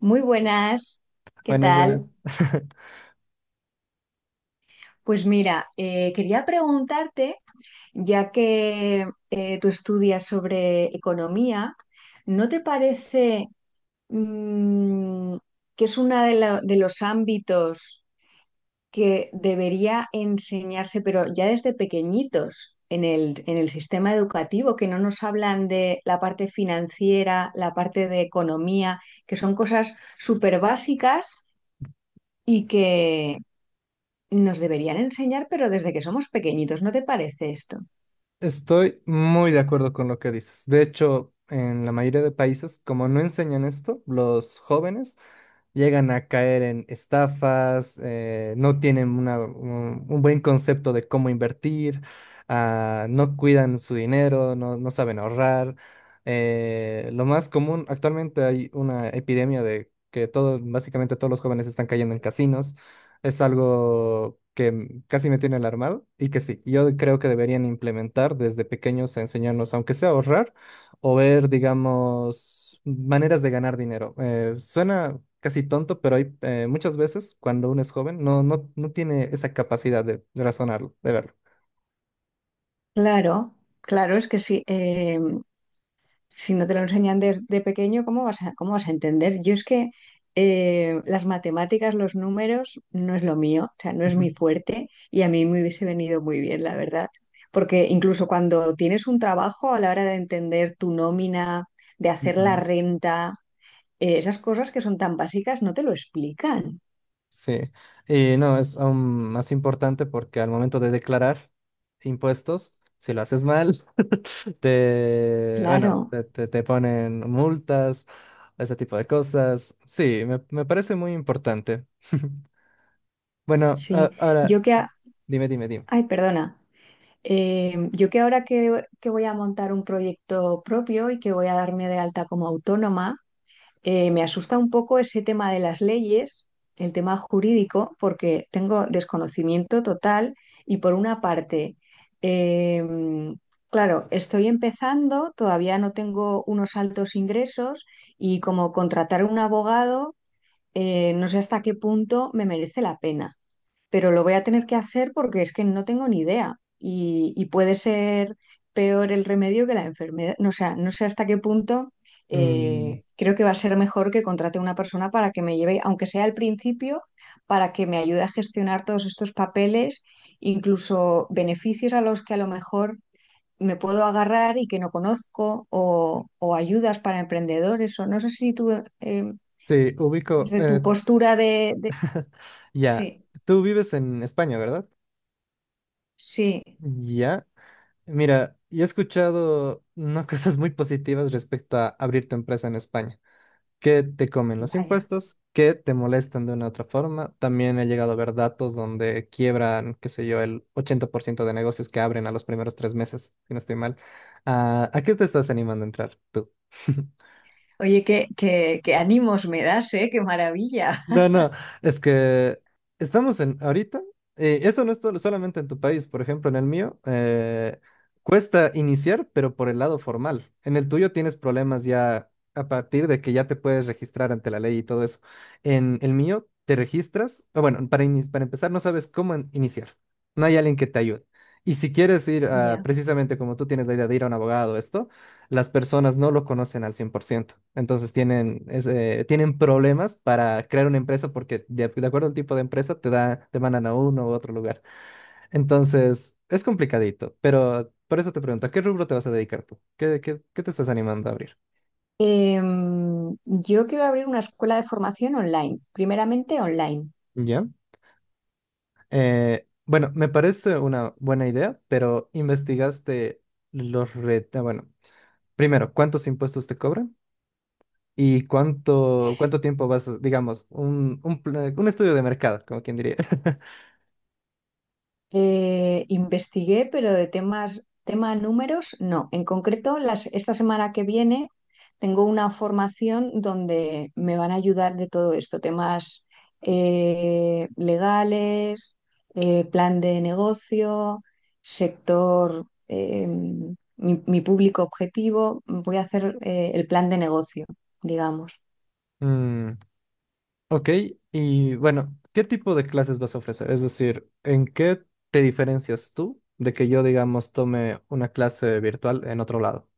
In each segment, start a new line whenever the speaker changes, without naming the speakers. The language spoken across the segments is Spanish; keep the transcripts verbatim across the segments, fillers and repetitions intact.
Muy buenas, ¿qué
Buenas, buenas.
tal? Pues mira, eh, quería preguntarte, ya que eh, tú estudias sobre economía, ¿no te parece mm, que es uno de, la- de los ámbitos que debería enseñarse, pero ya desde pequeñitos, en el, en el sistema educativo, que no nos hablan de la parte financiera, la parte de economía, que son cosas súper básicas? Y que, nos deberían enseñar, pero desde que somos pequeñitos, ¿no te parece esto?
Estoy muy de acuerdo con lo que dices. De hecho, en la mayoría de países, como no enseñan esto, los jóvenes llegan a caer en estafas, eh, no tienen una- un, un buen concepto de cómo invertir, ah, no cuidan su dinero, no, no saben ahorrar. Eh, lo más común, actualmente hay una epidemia de que todos, básicamente todos los jóvenes están cayendo en casinos. Es algo que m- casi me tiene alarmado y que sí, yo creo que deberían implementar desde pequeños a enseñarnos, aunque sea a ahorrar o ver, digamos, maneras de ganar dinero. Eh, suena casi tonto, pero hay eh, muchas veces cuando uno es joven no, no, no tiene esa capacidad de, de razonarlo, de verlo.
Claro, claro, es que si, eh, si no te lo enseñan desde pequeño, ¿cómo vas a, cómo vas a entender? Yo es que eh, las matemáticas, los números, no es lo mío, o sea, no es
Ujú,
mi fuerte y a mí me hubiese venido muy bien, la verdad. Porque incluso cuando tienes un trabajo, a la hora de entender tu nómina, de hacer la
ujú.
renta, eh, esas cosas que son tan básicas, no te lo explican.
Sí, y no, es aún más importante porque al momento de declarar impuestos, si lo haces mal, te, bueno,
Claro,
te, te- te ponen multas, ese tipo de cosas. Sí, me, me parece muy importante. Bueno,
sí.
a- ahora,
Yo que a-
dime, dime, dime.
Ay, perdona. Eh, yo que ahora que, que voy a montar un proyecto propio y que voy a darme de alta como autónoma, eh, me asusta un poco ese tema de las leyes, el tema jurídico, porque tengo desconocimiento total y por una parte, eh, claro, estoy empezando, todavía no tengo unos altos ingresos y como contratar un abogado, eh, no sé hasta qué punto me merece la pena, pero lo voy a tener que hacer porque es que no tengo ni idea y, y puede ser peor el remedio que la enfermedad. No, o sea, no sé hasta qué punto
Mm,
eh, creo que va a ser mejor que contrate una persona para que me lleve, aunque sea al principio, para que me ayude a gestionar todos estos papeles, incluso beneficios a los que a lo mejor me puedo agarrar y que no conozco, o, o ayudas para emprendedores, o no sé si tú, eh,
sí, ubico.
desde
eh,
tu postura de... de-
ya,
Sí,
tú vives en España, ¿verdad?
sí,
Ya. Mira, yo he escuchado no cosas muy positivas respecto a abrir tu empresa en España. Que te comen los
vaya.
impuestos, que te molestan de una u otra forma. También he llegado a ver datos donde quiebran, qué sé yo, el ochenta por ciento de negocios que abren a los primeros tres meses, si no estoy mal. Ah, ¿a qué te estás animando a entrar tú?
Oye, qué, qué, qué ánimos me das, ¿eh? Qué maravilla.
No, no, es que estamos en ahorita, eh, esto no es todo- solamente en tu país, por ejemplo, en el mío, eh, cuesta iniciar, pero por el lado formal. En el tuyo tienes problemas ya a partir de que ya te puedes registrar ante la ley y todo eso. En el mío te registras, o bueno, para, ini- para empezar no sabes cómo in- iniciar, no hay alguien que te ayude. Y si quieres ir a,
Ya.
precisamente como tú tienes la idea de ir a un abogado, esto las personas no lo conocen al cien por ciento. Entonces tienen, es, eh, tienen problemas para crear una empresa porque de, de acuerdo al tipo de empresa te da, te mandan a uno u otro lugar. Entonces es complicadito, pero por eso te pregunto, ¿a qué rubro te vas a dedicar tú? ¿Qué, qué, qué te estás animando a abrir?
Em, yo quiero abrir una escuela de formación online, primeramente online.
¿Ya? Eh, bueno, me parece una buena idea, pero investigaste los retos. Bueno, primero, ¿cuántos impuestos te cobran? ¿Y cuánto, cuánto tiempo vas, a- digamos, un, un, pla- un estudio de mercado, como quien diría?
Eh, investigué, pero de temas, tema números, no. En concreto, las, esta semana que viene tengo una formación donde me van a ayudar de todo esto, temas eh, legales, eh, plan de negocio, sector, eh, mi, mi público objetivo. Voy a hacer eh, el plan de negocio, digamos.
Mm, ok, y bueno, ¿qué tipo de clases vas a ofrecer? Es decir, ¿en qué te diferencias tú de que yo, digamos, tome una clase virtual en otro lado?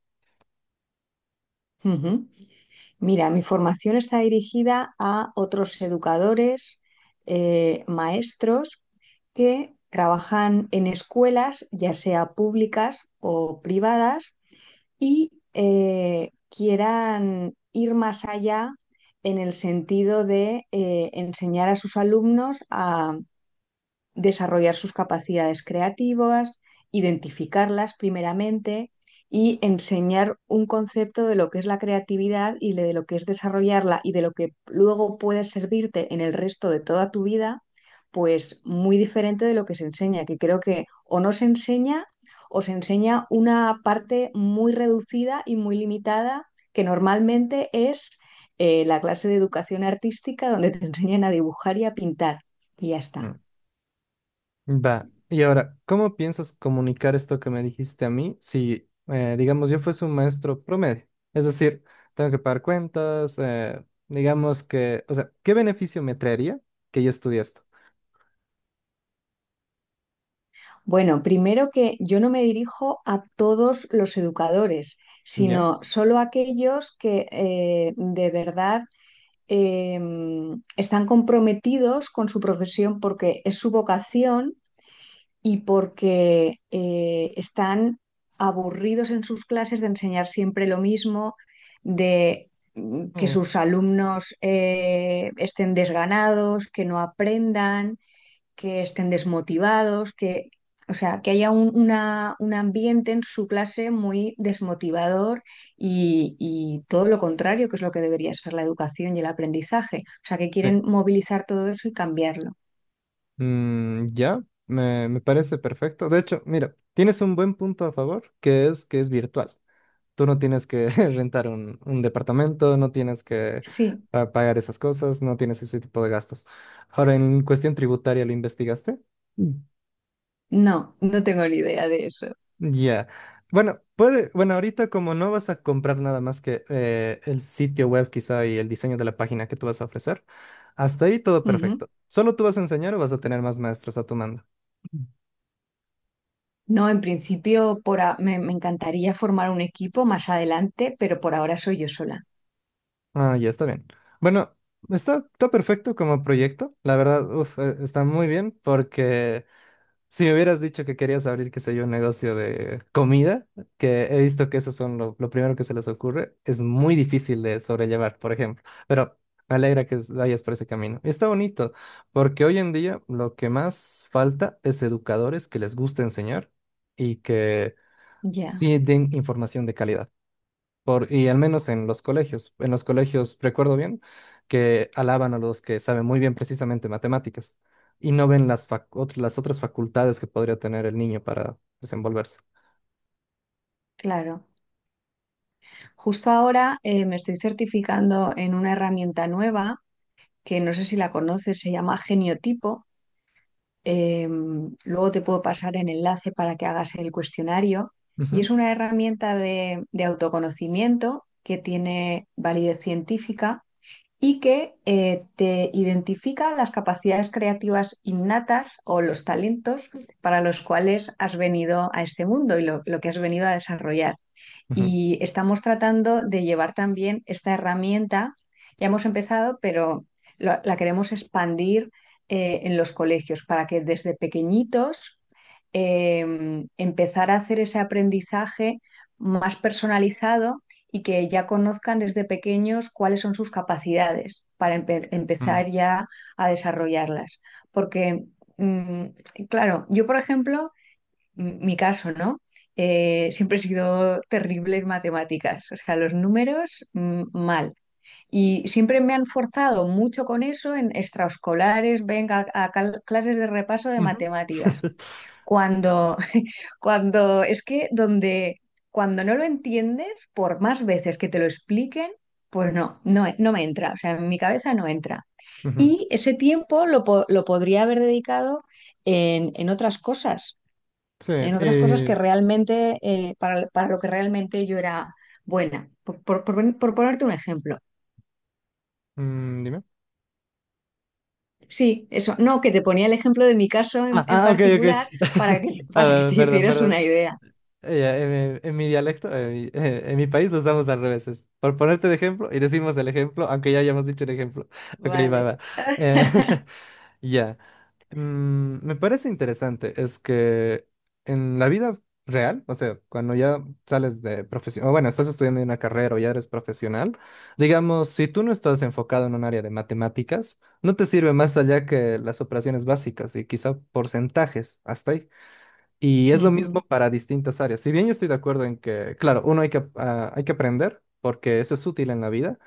Ujú. Mira, mi formación está dirigida a otros educadores, eh, maestros que trabajan en escuelas, ya sea públicas o privadas, y eh, quieran ir más allá en el sentido de eh, enseñar a sus alumnos desarrollar sus capacidades creativas, identificarlas primeramente y enseñar un concepto de lo que es la creatividad y de lo que es desarrollarla y de lo que luego puede servirte en el resto de toda tu vida, pues muy diferente de lo que se enseña, que creo que o no se enseña o se enseña una parte muy reducida y muy limitada que normalmente es eh, la clase de educación artística donde te enseñan a dibujar y a pintar. Y ya
Mm.
está.
Va, y ahora, ¿cómo piensas comunicar esto que me dijiste a mí si, eh, digamos, yo fuese un maestro promedio? Es decir, tengo que pagar cuentas, eh, digamos que, o sea, ¿qué beneficio me traería que yo estudie esto?
Bueno, primero que yo no me dirijo a todos los educadores,
¿Ya?
sino solo a aquellos que eh, de verdad eh, están comprometidos con su profesión porque es su vocación y porque eh, están aburridos en sus clases de enseñar siempre lo mismo, de mm, que
Mm,
sus alumnos eh, estén desganados, que no aprendan, que estén desmotivados, que, o sea, que haya un, una- un ambiente en su clase muy desmotivador y, y todo lo contrario, que es lo que debería ser la educación y el aprendizaje. O sea, que
sí.
quieren movilizar todo eso y cambiarlo.
Mm, ya, me, me parece perfecto. De hecho, mira, tienes un buen punto a favor, que es que es virtual. Tú no tienes que rentar un, un departamento, no tienes que
Sí,
ah, pagar esas cosas, no tienes ese tipo de gastos. Ahora, en cuestión tributaria, ¿lo investigaste? Mm.
no, no tengo ni idea de eso.
Ya. Bueno, puede, bueno, ahorita como no vas a comprar nada más que eh, el sitio web quizá y el diseño de la página que tú vas a ofrecer, hasta ahí todo
Ujú.
perfecto. ¿Solo tú vas a enseñar o vas a tener más maestros a tu mando?
No, en principio por a- me, me encantaría formar un equipo más adelante, pero por ahora soy yo sola.
Ah, ya está bien. Bueno, está, está perfecto como proyecto. La verdad, uf, eh, está muy bien porque si me hubieras dicho que querías abrir, qué sé yo, un negocio de comida, que he visto que eso son lo, lo primero que se les ocurre, es muy difícil de sobrellevar, por ejemplo. Pero me alegra que s- vayas por ese camino. Y está bonito porque hoy en día lo que más falta es educadores que les guste enseñar y que
Ya,
sí den información de calidad. Por, y al menos en los colegios. En los colegios, recuerdo bien, que alaban a los que saben muy bien precisamente matemáticas y no ven las, fac- ot- las otras facultades que podría tener el niño para desenvolverse.
claro. Justo ahora eh, me estoy certificando en una herramienta nueva que no sé si la conoces, se llama Geniotipo. Eh, luego te puedo pasar el enlace para que hagas el cuestionario. Y
Ujú,
es una herramienta de, de autoconocimiento que tiene validez científica y que eh, te identifica las capacidades creativas innatas o los talentos para los cuales has venido a este mundo y lo, lo que has venido a desarrollar.
ujú,
Y estamos tratando de llevar también esta herramienta, ya hemos empezado, pero lo- la queremos expandir eh, en los colegios para que desde pequeñitos eh, empezar a hacer ese aprendizaje más personalizado y que ya conozcan desde pequeños cuáles son sus capacidades para empe-
mm,
empezar ya a desarrollarlas. Porque, mm, claro, yo por ejemplo m- mi caso, ¿no? Eh, siempre he sido terrible en matemáticas, o sea, los números mm, mal. Y siempre me han forzado mucho con eso en extraescolares, venga, a cal- clases de repaso de
ujú,
matemáticas. Cuando, cuando es que donde, cuando no lo entiendes, por más veces que te lo expliquen, pues no, no, no me entra, o sea, en mi cabeza no entra.
ujú.
Y ese tiempo lo, po- lo podría haber dedicado en, en otras cosas
Sí,
en otras cosas que
eh,
realmente, eh, para, para lo que realmente yo era buena. Por, por- por- por ponerte un ejemplo.
mm, dime.
Sí, eso. No, que te ponía el ejemplo de mi caso en,
Ah,
en
ah, ok,
particular
ok.
para que, para que
Ah,
te
perdón,
hicieras
perdón.
una idea.
Eh, ya, en, en- en mi dialecto, en mi, eh, en mi país lo usamos al revés. Es por ponerte de ejemplo y decimos el ejemplo, aunque ya hayamos dicho el ejemplo. Ok, va,
Vale.
va. Eh, Ya, Mm, me parece interesante, es que en la vida real, o sea, cuando ya sales de profesión, bueno, estás estudiando una carrera o ya eres profesional, digamos, si tú no estás enfocado en un área de matemáticas, no te sirve más allá que las operaciones básicas y quizá porcentajes, hasta ahí. Y es lo
Ujú.
mismo para distintas áreas. Si bien yo estoy de acuerdo en que, claro, uno hay que, ah, hay que aprender porque eso es útil en la vida.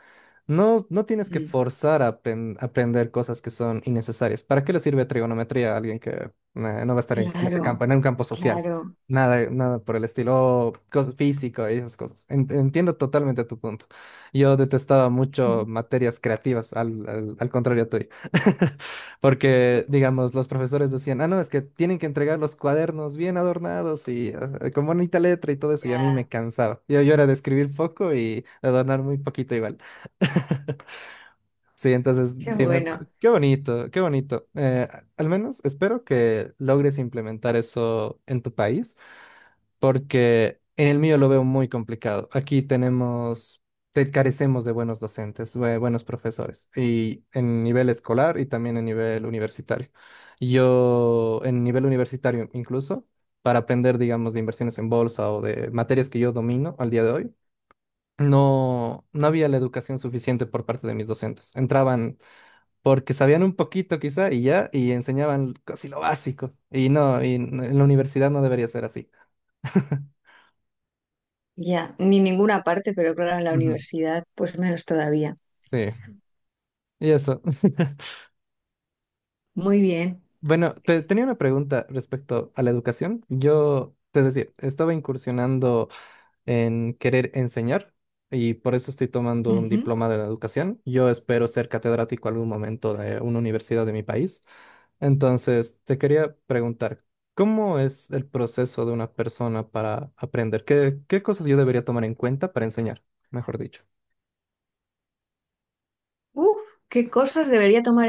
No, no tienes que
Mm.
forzar a apren- aprender cosas que son innecesarias. ¿Para qué le sirve trigonometría a alguien que eh, no va a estar en, en ese campo,
Claro,
en un campo social?
claro.
Nada, nada por el estilo, o cos- físico y esas cosas. En- Entiendo totalmente tu punto. Yo detestaba mucho
Mm.
materias creativas, al, al, al contrario tuyo. Porque, digamos, los profesores decían, ah, no, es que tienen que entregar los cuadernos bien adornados y eh, con bonita letra y todo eso, y a mí me
Ya,
cansaba. Yo, yo era de escribir poco y adornar muy poquito igual. Sí, entonces,
qué
sí, me-
bueno.
qué bonito, qué bonito. Eh, al menos espero que logres implementar eso en tu país, porque en el mío lo veo muy complicado. Aquí tenemos, te- carecemos de buenos docentes, bue- buenos profesores, y en nivel escolar y también en nivel universitario. Yo, en nivel universitario incluso, para aprender, digamos, de inversiones en bolsa o de materias que yo domino al día de hoy. No, no había la educación suficiente por parte de mis docentes. Entraban porque sabían un poquito quizá y ya, y enseñaban casi lo básico. Y no, y n- en la universidad no debería ser así.
Ya, ni ninguna parte, pero claro, en la
Ujú.
universidad, pues menos todavía.
Sí, y eso.
Muy bien.
Bueno, te, tenía una pregunta respecto a la educación. Yo, es decir, estaba incursionando en querer enseñar y por eso estoy tomando un
Ujú.
diploma de educación. Yo espero ser catedrático algún momento de una universidad de mi país. Entonces, te quería preguntar, ¿cómo es el proceso de una persona para aprender? ¿Qué, qué, cosas yo debería tomar en cuenta para enseñar, mejor dicho?
Uf, qué cosas debería tomar.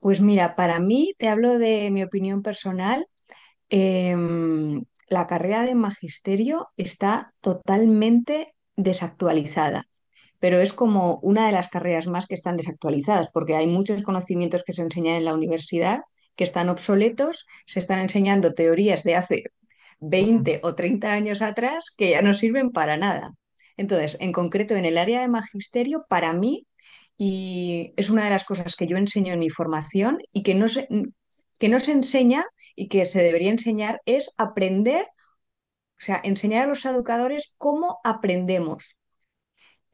Pues mira, para mí, te hablo de mi opinión personal, em, la carrera de magisterio está totalmente desactualizada, pero es como una de las carreras más que están desactualizadas, porque hay muchos conocimientos que se enseñan en la universidad que están obsoletos, se están enseñando teorías de hace veinte
Mm,
o treinta años atrás que ya no sirven para nada. Entonces, en concreto, en el área de magisterio, para mí, y es una de las cosas que yo enseño en mi formación y que no se, que no se enseña y que se debería enseñar, es aprender, o sea, enseñar a los educadores cómo aprendemos.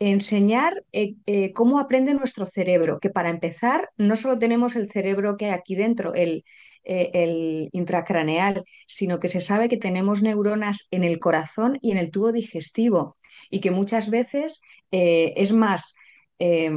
Enseñar eh, eh, cómo aprende nuestro cerebro, que para empezar no solo tenemos el cerebro que hay aquí dentro, el, eh, el intracraneal, sino que se sabe que tenemos neuronas en el corazón y en el tubo digestivo y que muchas veces eh, es más, eh,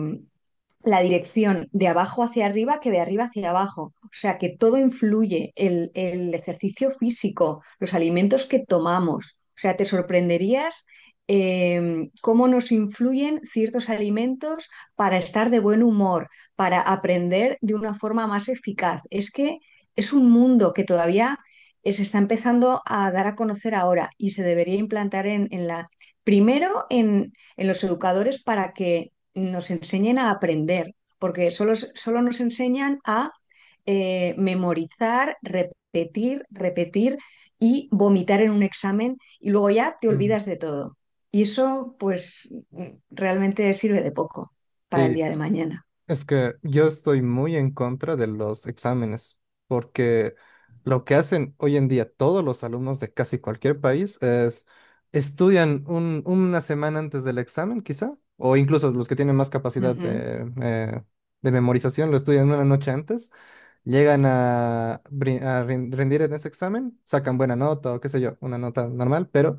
la dirección de abajo hacia arriba que de arriba hacia abajo. O sea que todo influye, el, el ejercicio físico, los alimentos que tomamos. O sea, te sorprenderías eh, cómo nos influyen ciertos alimentos para estar de buen humor, para aprender de una forma más eficaz. Es que es un mundo que todavía se está empezando a dar a conocer ahora y se debería implantar en, en la, primero en, en los educadores para que nos enseñen a aprender, porque solo, solo nos enseñan a eh, memorizar, repetir, repetir y vomitar en un examen y luego ya te
mm.
olvidas de todo. Y eso pues realmente sirve de poco para el
Y
día de mañana.
Es que yo estoy muy en contra de los exámenes, porque lo que hacen hoy en día todos los alumnos de casi cualquier país es estudian un- una semana antes del examen, quizá, o incluso los que tienen más
Uh
capacidad
-huh.
de, eh, de memorización lo estudian una noche antes, llegan a, brin- a rin- rendir en ese examen, sacan buena nota o qué sé yo, una nota normal, pero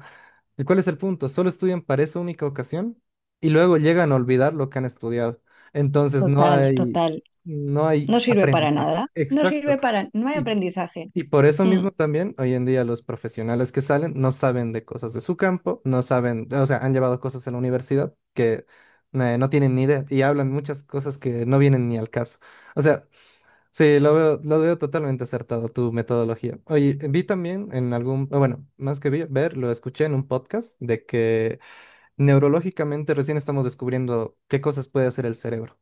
¿y cuál es el punto? Solo estudian para esa única ocasión y luego llegan a olvidar lo que han estudiado. Entonces no
Total,
hay,
total.
no hay
No sirve para
aprendizaje.
nada. No
Exacto.
sirve para. No hay
Y,
aprendizaje.
y por eso mismo también, hoy en día los profesionales que salen no saben de cosas de su campo, no saben, o sea, han llevado cosas en la universidad que eh, no tienen ni idea y hablan muchas cosas que no vienen ni al caso. O sea, sí, lo veo, lo veo totalmente acertado tu metodología. Oye, vi también en algún, o bueno, más que vi- ver, lo escuché en un podcast de que neurológicamente recién estamos descubriendo qué cosas puede hacer el cerebro.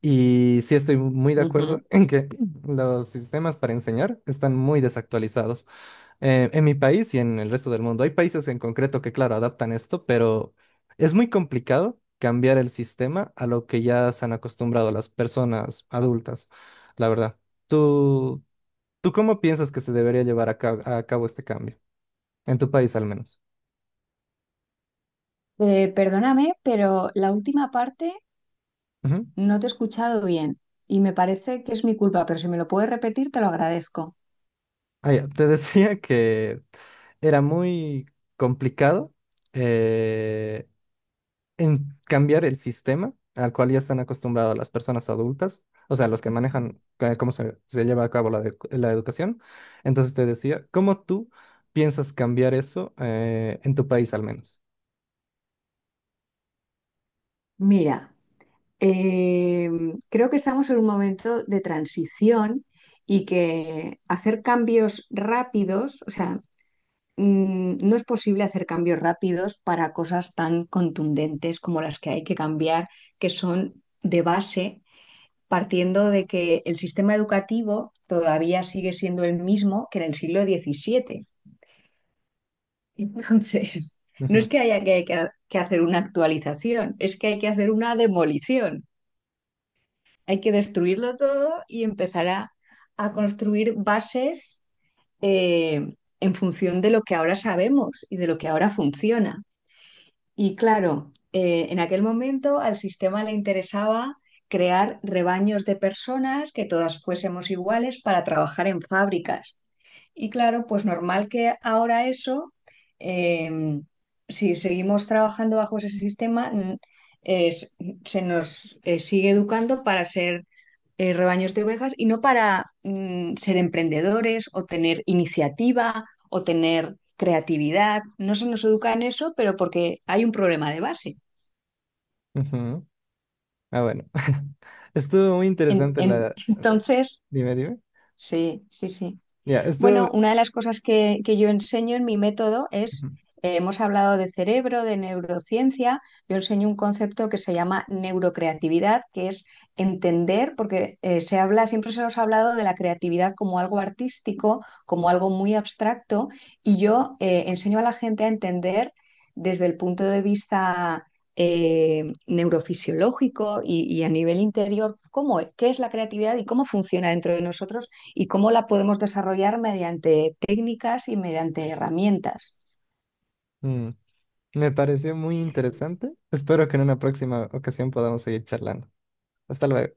Y sí estoy muy de
Uh -huh.
acuerdo en que los sistemas para enseñar están muy desactualizados eh, en mi país y en el resto del mundo. Hay países en concreto que, claro, adaptan esto, pero es muy complicado cambiar el sistema a lo que ya se han acostumbrado las personas adultas, la verdad. ¿Tú, tú cómo piensas que se debería llevar a cabo, a cabo este cambio? En tu país, al menos.
Eh, perdóname, pero la última parte
Ujú.
no te he escuchado bien y me parece que es mi culpa, pero si me lo puedes repetir, te lo agradezco.
Ah, ya, te decía que era muy complicado. eh, en cambiar el sistema al cual ya están acostumbradas las personas adultas, o sea, los que manejan eh, cómo se, se lleva a cabo la, edu- la educación. Entonces te decía, ¿cómo tú piensas cambiar eso eh, en tu país al menos?
Mira, em, creo que estamos en un momento de transición y que hacer cambios rápidos, o sea, mm, no es posible hacer cambios rápidos para cosas tan contundentes como las que hay que cambiar, que son de base, partiendo de que el sistema educativo todavía sigue siendo el mismo que en el siglo diecisiete. Entonces, no es
Ujú,
que haya que, que- que hacer una actualización, es que hay que hacer una demolición. Hay que destruirlo todo y empezar a, a construir bases eh, en función de lo que ahora sabemos y de lo que ahora funciona. Y claro, eh, en aquel momento al sistema le interesaba crear rebaños de personas que todas fuésemos iguales para trabajar en fábricas y claro, pues normal que ahora eso, em, si seguimos trabajando bajo ese sistema, mm, es- se nos eh, sigue educando para ser eh, rebaños de ovejas y no para mm, ser emprendedores o tener iniciativa o tener creatividad. No se nos educa en eso, pero porque hay un problema de base.
ujú. Ah, bueno. Estuvo muy
En-
interesante
en-
la... eh,
entonces,
Dime, dime.
sí, sí, sí.
Ya, esto
Bueno, una de las cosas que, que yo enseño en mi método es, eh, hemos hablado de cerebro, de neurociencia, yo enseño un concepto que se llama neurocreatividad, que es entender, porque eh, se habla, siempre se nos ha hablado de la creatividad como algo artístico, como algo muy abstracto, y yo eh, enseño a la gente a entender desde el punto de vista eh, neurofisiológico y, y a nivel interior, cómo, qué es la creatividad y cómo funciona dentro de nosotros y cómo la podemos desarrollar mediante técnicas y mediante herramientas.
me pareció muy interesante. Espero que en una próxima ocasión podamos seguir charlando. Hasta luego.